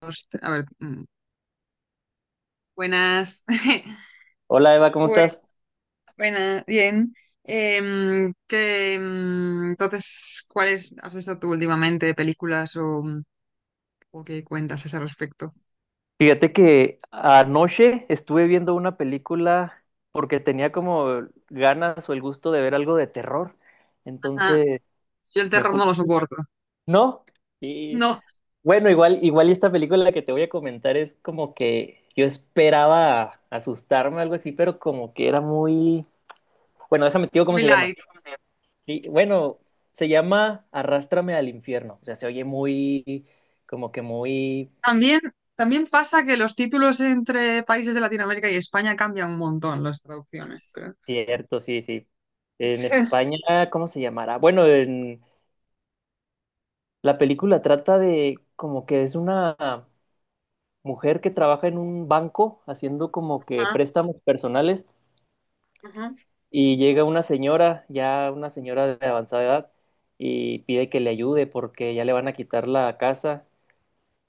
Dos, a ver, buenas. Hola Eva, ¿cómo Pues, estás? buena, bien. Que, entonces, ¿cuáles has visto tú últimamente de películas o, o qué cuentas a ese respecto? Fíjate que anoche estuve viendo una película porque tenía como ganas o el gusto de ver algo de terror. Ajá. Entonces Yo el me terror no puse... lo soporto. No, y No, bueno, igual y esta película que te voy a comentar es como que yo esperaba asustarme o algo así, pero como que era muy... Bueno, déjame te digo cómo muy se llama. light. Sí, bueno, se llama Arrástrame al infierno. O sea, se oye muy, como que muy... También, también pasa que los títulos entre países de Latinoamérica y España cambian un montón las traducciones, Cierto, sí, sí. En Sí. España, ¿cómo se llamará? Bueno, en la película trata de como que es una mujer que trabaja en un banco haciendo como que Ah, préstamos personales ajá. y llega una señora, ya una señora de avanzada edad, y pide que le ayude porque ya le van a quitar la casa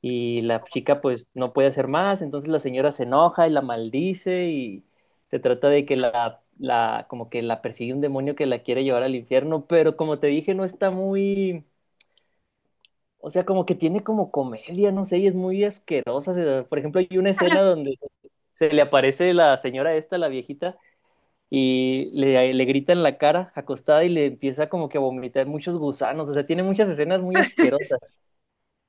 y la chica pues no puede hacer más, entonces la señora se enoja y la maldice y se trata de que la como que la persigue un demonio que la quiere llevar al infierno, pero como te dije no está muy, o sea, como que tiene como comedia, no sé, y es muy asquerosa. Por ejemplo, hay una escena donde se le aparece la señora esta, la viejita, y le grita en la cara acostada y le empieza como que a vomitar muchos gusanos, o sea, tiene muchas escenas muy asquerosas.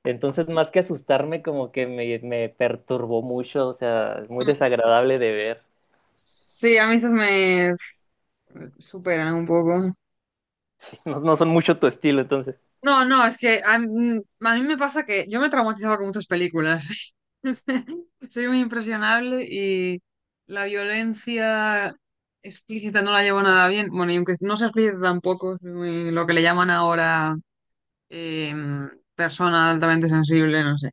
Entonces, más que asustarme, como que me perturbó mucho, o sea, muy desagradable de ver. Sí, a mí esos me superan un poco. No, no son mucho tu estilo, entonces. No, no, es que a mí me pasa que yo me he traumatizado con muchas películas. Soy muy impresionable y la violencia explícita no la llevo nada bien. Bueno, y aunque no sea explícita tampoco, soy lo que le llaman ahora eh, persona altamente sensible, no sé.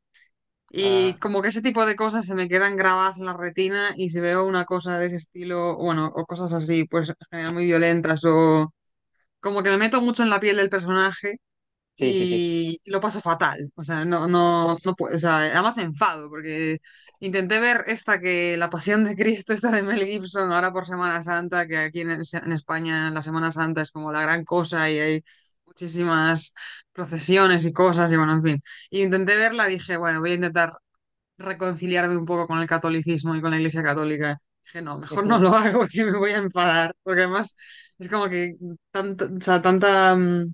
Ah, Y como que ese tipo de cosas se me quedan grabadas en la retina y si veo una cosa de ese estilo, bueno, o cosas así, pues en general muy violentas o como que me meto mucho en la piel del personaje sí, sí, sí. y lo paso fatal. O sea, no, no, no puedo. O sea, además me enfado porque intenté ver esta que La Pasión de Cristo, esta de Mel Gibson, ahora por Semana Santa, que aquí en España la Semana Santa es como la gran cosa y hay muchísimas procesiones y cosas y bueno, en fin. Y intenté verla, dije, bueno, voy a intentar reconciliarme un poco con el catolicismo y con la Iglesia Católica. Dije, no, mejor no Ujú. lo hago porque me voy a enfadar, porque además es como que tanta, o sea, tanta mm,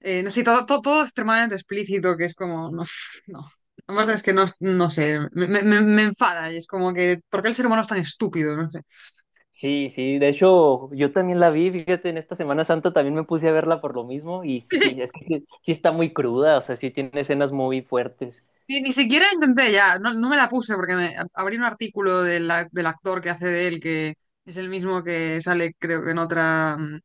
eh, no sé, todo, todo, todo extremadamente explícito, que es como, no, no. La verdad es que no, no sé, me enfada y es como que, ¿por qué el ser humano es tan estúpido? No sé. Sí, sí, de hecho, yo también la vi, fíjate, en esta Semana Santa también me puse a verla por lo mismo y sí, es que sí, sí está muy cruda, o sea, sí tiene escenas muy fuertes. Ni siquiera intenté ya, no, no me la puse porque me abrí un artículo del actor que hace de él, que es el mismo que sale, creo que en otra, mm,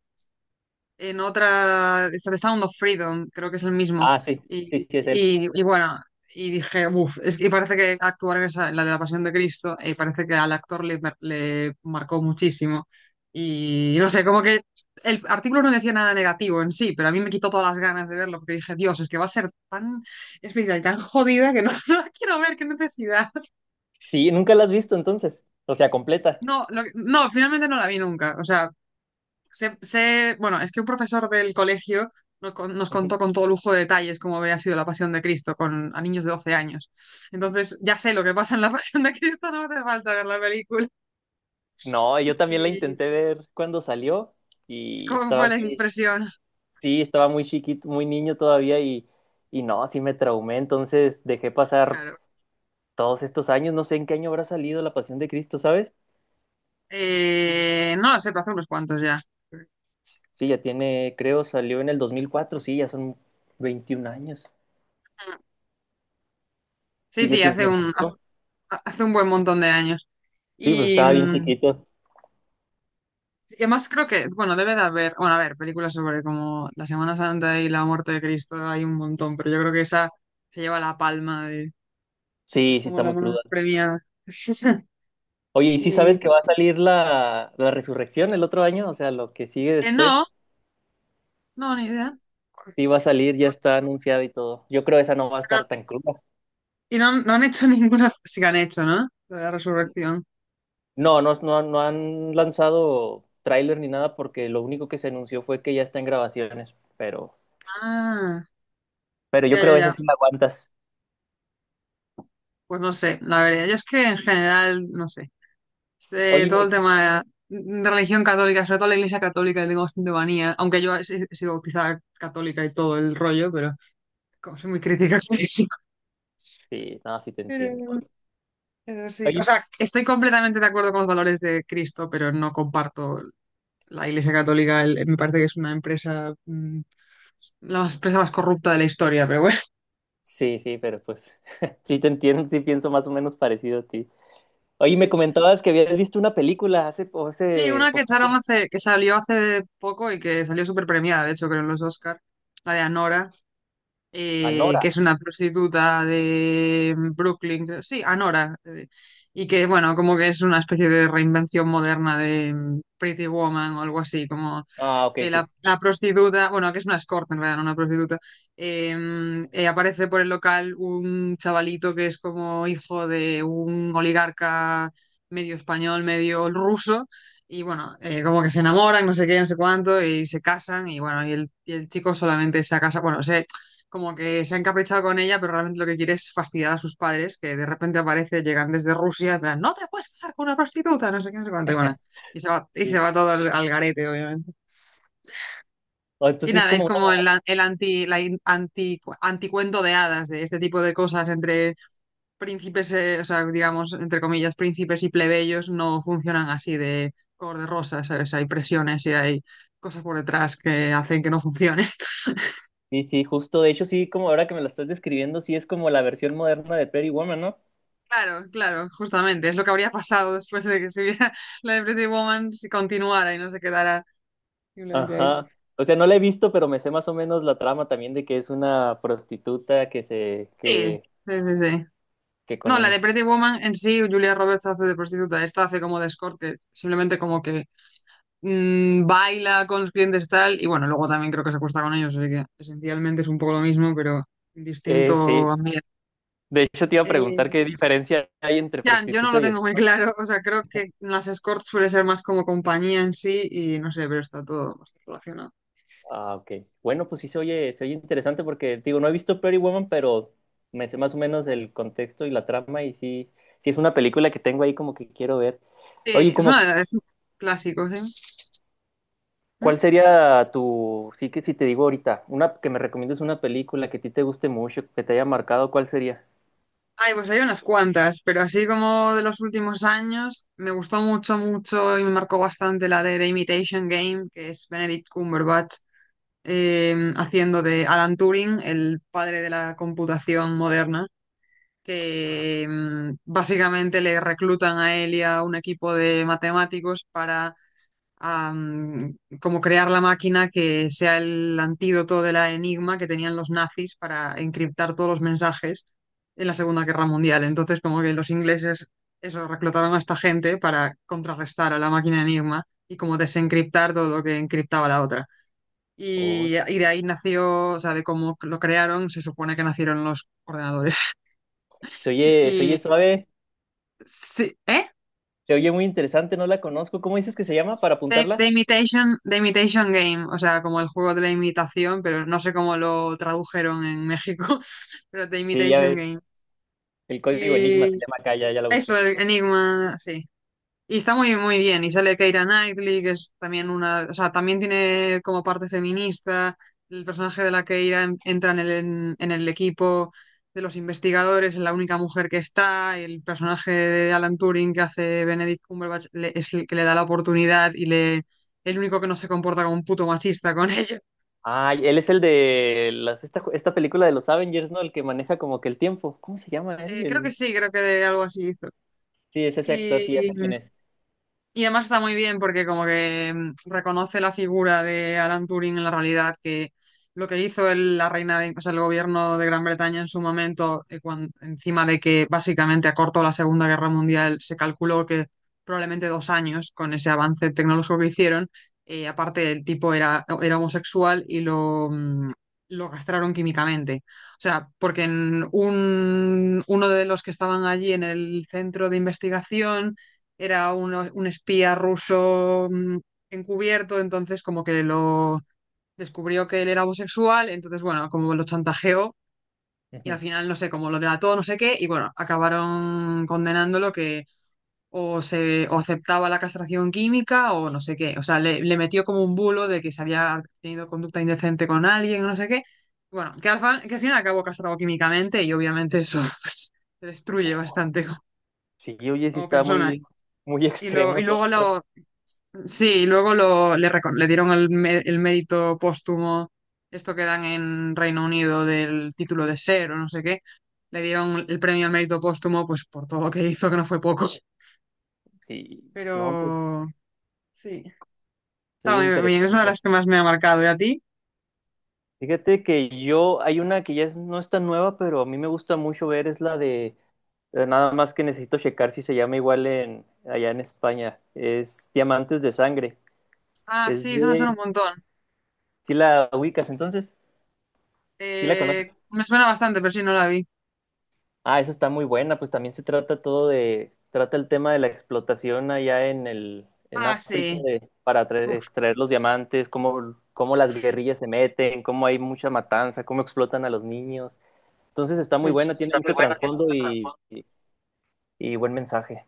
en otra, esta de Sound of Freedom, creo que es el mismo. Ah, sí, sí, Y, sí, es él. y- y bueno, y dije, uff, es que parece que actuar en esa, en la de la Pasión de Cristo, parece que al actor le marcó muchísimo. Y no sé, como que el artículo no decía nada negativo en sí, pero a mí me quitó todas las ganas de verlo, porque dije, Dios, es que va a ser tan especial y tan jodida que no, no la quiero ver, qué necesidad. Sí, nunca la has visto entonces, o sea, completa. No, no, finalmente no la vi nunca. O sea, bueno, es que un profesor del colegio nos Ujú. contó con todo lujo de detalles cómo había sido la Pasión de Cristo con, a niños de 12 años. Entonces, ya sé lo que pasa en la Pasión de Cristo, no hace falta ver la película. No, yo también la ¿Y, intenté ver cuando salió y y cómo estaba fue la muy... impresión? Sí, estaba muy chiquito, muy niño todavía y no, sí me traumé, entonces dejé pasar Claro. todos estos años, no sé en qué año habrá salido La Pasión de Cristo, ¿sabes? No lo sé, pero hace unos cuantos ya. Sí, ya tiene, creo, salió en el 2004, sí, ya son 21 años, Sí, sí, ya sí, hace tiene un, hace, mucho, hace un buen montón de años. sí, pues Y, estaba bien mm, chiquito, Y además creo que, bueno, debe de haber, bueno, a ver, películas sobre como la Semana Santa y la muerte de Cristo, hay un montón, pero yo creo que esa se lleva la palma de, pues sí, sí como está la muy más cruda. premiada. Oye, ¿y sí sabes Y que va a salir la resurrección el otro año? O sea, lo que sigue no, después, no, ni idea. sí va a salir, ya está anunciada y todo. Yo creo esa no va a estar tan cruda. Y no, no han hecho ninguna, sí que han hecho, ¿no? Lo de la resurrección. No han lanzado tráiler ni nada porque lo único que se anunció fue que ya está en grabaciones, Ah, pero yo ya, ya, creo esa ya. sí la aguantas. Pues no sé, la verdad, yo es que en general, no sé, este, Oye, todo el me- tema de religión católica, sobre todo la iglesia católica, le tengo bastante manía, aunque yo he, si, he sido bautizada católica y todo el rollo, pero como soy muy crítica con eso. sí, no, sí te Pero, entiendo. pero sí, o Oye, sea, estoy completamente de acuerdo con los valores de Cristo, pero no comparto la iglesia católica, me parece que es una empresa, empresa más corrupta de la historia, pero bueno. sí, sí, pero pues sí te entiendo, sí pienso más o menos parecido a ti. Oye, me Sí. comentabas que habías visto una película hace, Sí, hace una que poco, echaron hace, que salió hace poco y que salió súper premiada, de hecho, creo en los Oscar, la de Anora, Anora. que es una prostituta de Brooklyn, creo- sí, Anora, y que, bueno, como que es una especie de reinvención moderna de Pretty Woman o algo así, como Ah, ok, que la, sí. la prostituta, bueno, que es una escort en realidad, no una prostituta, eh, aparece por el local un chavalito que es como hijo de un oligarca medio español, medio ruso. Y bueno, como que se enamoran, no sé qué, no sé cuánto, y se casan, y bueno, y el chico solamente se casa, bueno, como que se ha encaprichado con ella, pero realmente lo que quiere es fastidiar a sus padres, que de repente aparece, llegan desde Rusia, en plan, no te puedes casar con una prostituta, no sé qué, no sé cuánto, y bueno, y se Sí. va todo al, al garete, obviamente. O entonces Y sí es nada, es como como el, una... an- el anti, la in- anti, anticuento de hadas, de este tipo de cosas entre príncipes, o sea, digamos, entre comillas, príncipes y plebeyos no funcionan así de color de rosa, ¿sabes? Hay presiones y hay cosas por detrás que hacen que no funcione. Sí, sí, justo, de hecho sí, como ahora que me la estás describiendo, sí es como la versión moderna de Pretty Woman, ¿no? Claro, claro, justamente. Es lo que habría pasado después de que se viera la de Pretty Woman si continuara y no se quedara simplemente ahí. Ajá. O sea, no la he visto, pero me sé más o menos la trama también de que es una prostituta que Sí, sí, sí, sí. que con No, la de un... Pretty Woman en sí, Julia Roberts hace de prostituta, esta hace como de escorte, simplemente como que baila con los clientes tal, y bueno, luego también creo que se acuesta con ellos, así que esencialmente es un poco lo mismo, pero en distinto sí. ambiente. De hecho, te iba a Eh, preguntar qué diferencia hay entre ya, yo no prostituta lo y tengo muy escort. claro, o sea, creo que las escorts suele ser más como compañía en sí, y no sé, pero está todo bastante relacionado. Ah, ok. Bueno, pues sí se oye interesante porque, digo, no he visto Pretty Woman, pero me sé más o menos el contexto y la trama y sí, sí es una película que tengo ahí como que quiero ver. Sí, Oye, es, como, una, es un clásico, sí. ¿cuál ¿Mm? sería tu, sí que si te digo ahorita, una que me recomiendes una película que a ti te guste mucho, que te haya marcado, ¿cuál sería? Ay, pues hay unas cuantas, pero así como de los últimos años, me gustó mucho, mucho y me marcó bastante la de The Imitation Game, que es Benedict Cumberbatch haciendo de Alan Turing, el padre de la computación moderna, que básicamente le reclutan a él y a un equipo de matemáticos para como crear la máquina que sea el antídoto de la enigma que tenían los nazis para encriptar todos los mensajes en la Segunda Guerra Mundial. Entonces, como que los ingleses eso, reclutaron a esta gente para contrarrestar a la máquina enigma y como desencriptar todo lo que encriptaba la otra. Oh, Y de ahí nació, o sea, de cómo lo crearon, se supone que nacieron los ordenadores. Se oye Y suave, sí, ¿eh? se oye muy interesante, no la conozco. ¿Cómo dices que se llama para The, The apuntarla? Imitation, The Imitation Game, o sea, como el juego de la imitación, pero no sé cómo lo tradujeron en México, pero The Sí, ya Imitation ves, Game. el código Enigma se Y llama acá, ya, ya la eso, busqué. el Enigma, sí. Y está muy, muy bien. Y sale Keira Knightley, que es también una, o sea, también tiene como parte feminista. El personaje de la Keira entra en el equipo de los investigadores, es la única mujer que está. Y el personaje de Alan Turing que hace Benedict Cumberbatch es el que le da la oportunidad y le, el único que no se comporta como un puto machista con ella. Ah, y él es el de las, esta película de los Avengers, ¿no? El que maneja como que el tiempo. ¿Cómo se llama él? Creo que sí, creo que de algo así hizo. Sí, es ese actor, sí, ya sé Y, quién es. Además está muy bien porque como que reconoce la figura de Alan Turing en la realidad, que lo que hizo la reina de, o sea, el gobierno de Gran Bretaña en su momento, encima de que básicamente acortó la Segunda Guerra Mundial, se calculó que probablemente 2 años con ese avance tecnológico que hicieron. Eh, aparte, el tipo era, era homosexual y lo, lo castraron químicamente. O sea, porque uno de los que estaban allí en el centro de investigación era un espía ruso encubierto, entonces como que lo descubrió que él era homosexual, entonces bueno, como lo chantajeó y al Ujú. final no sé, como lo delató, no sé qué, y bueno, acabaron condenándolo que o se o aceptaba la castración química o no sé qué, o sea, le metió como un bulo de que se había tenido conducta indecente con alguien o no sé qué. Bueno, que al final acabó castrado químicamente y obviamente eso pues, te destruye bastante como Sí, oye, sí como está persona. muy, muy Y, lo, y extremo todo luego eso. lo, Sí, y luego lo, le dieron el mérito póstumo, esto que dan en Reino Unido del título de ser o no sé qué, le dieron el premio al mérito póstumo pues por todo lo que hizo, que no fue poco. Sí, no, pues, Pero sí, se está oye muy bien, es una de interesante. las que más me ha marcado. ¿Y a ti? Fíjate que yo, hay una que ya no es tan nueva, pero a mí me gusta mucho ver, es la de... nada más que necesito checar si se llama igual en allá en España. Es Diamantes de Sangre. Ah, Es sí, eso me suena un de... montón. ¿Sí la ubicas entonces? ¿Sí la conoces? Me suena bastante, pero sí, no la vi. Ah, esa está muy buena. Pues también se trata todo de... Trata el tema de la explotación allá en el... en Ah, África sí. de... para Uf, extraer los diamantes, cómo, cómo las guerrillas se meten, cómo hay mucha matanza, cómo explotan a los niños. Entonces está muy sí, sí. buena, tiene Está muy mucho bueno, tiene trasfondo mucha trasfondo. Y buen mensaje.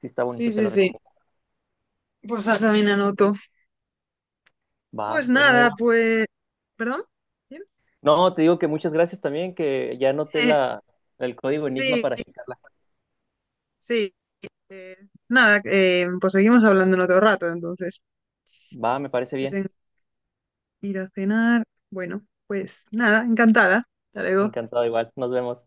Sí está Sí, bonito, te sí, lo sí. recomiendo. Pues haz también anoto. Va, Pues bueno, nada, Eva. pues... ¿Perdón? ¿Sí? No, te digo que muchas gracias también, que ya anoté el código Enigma Sí, para checarla. sí. eh, Nada, pues seguimos hablando en otro rato, entonces, Va, me parece que bien. tengo que ir a cenar. Bueno, pues nada, encantada. Hasta luego. Encantado igual. Nos vemos.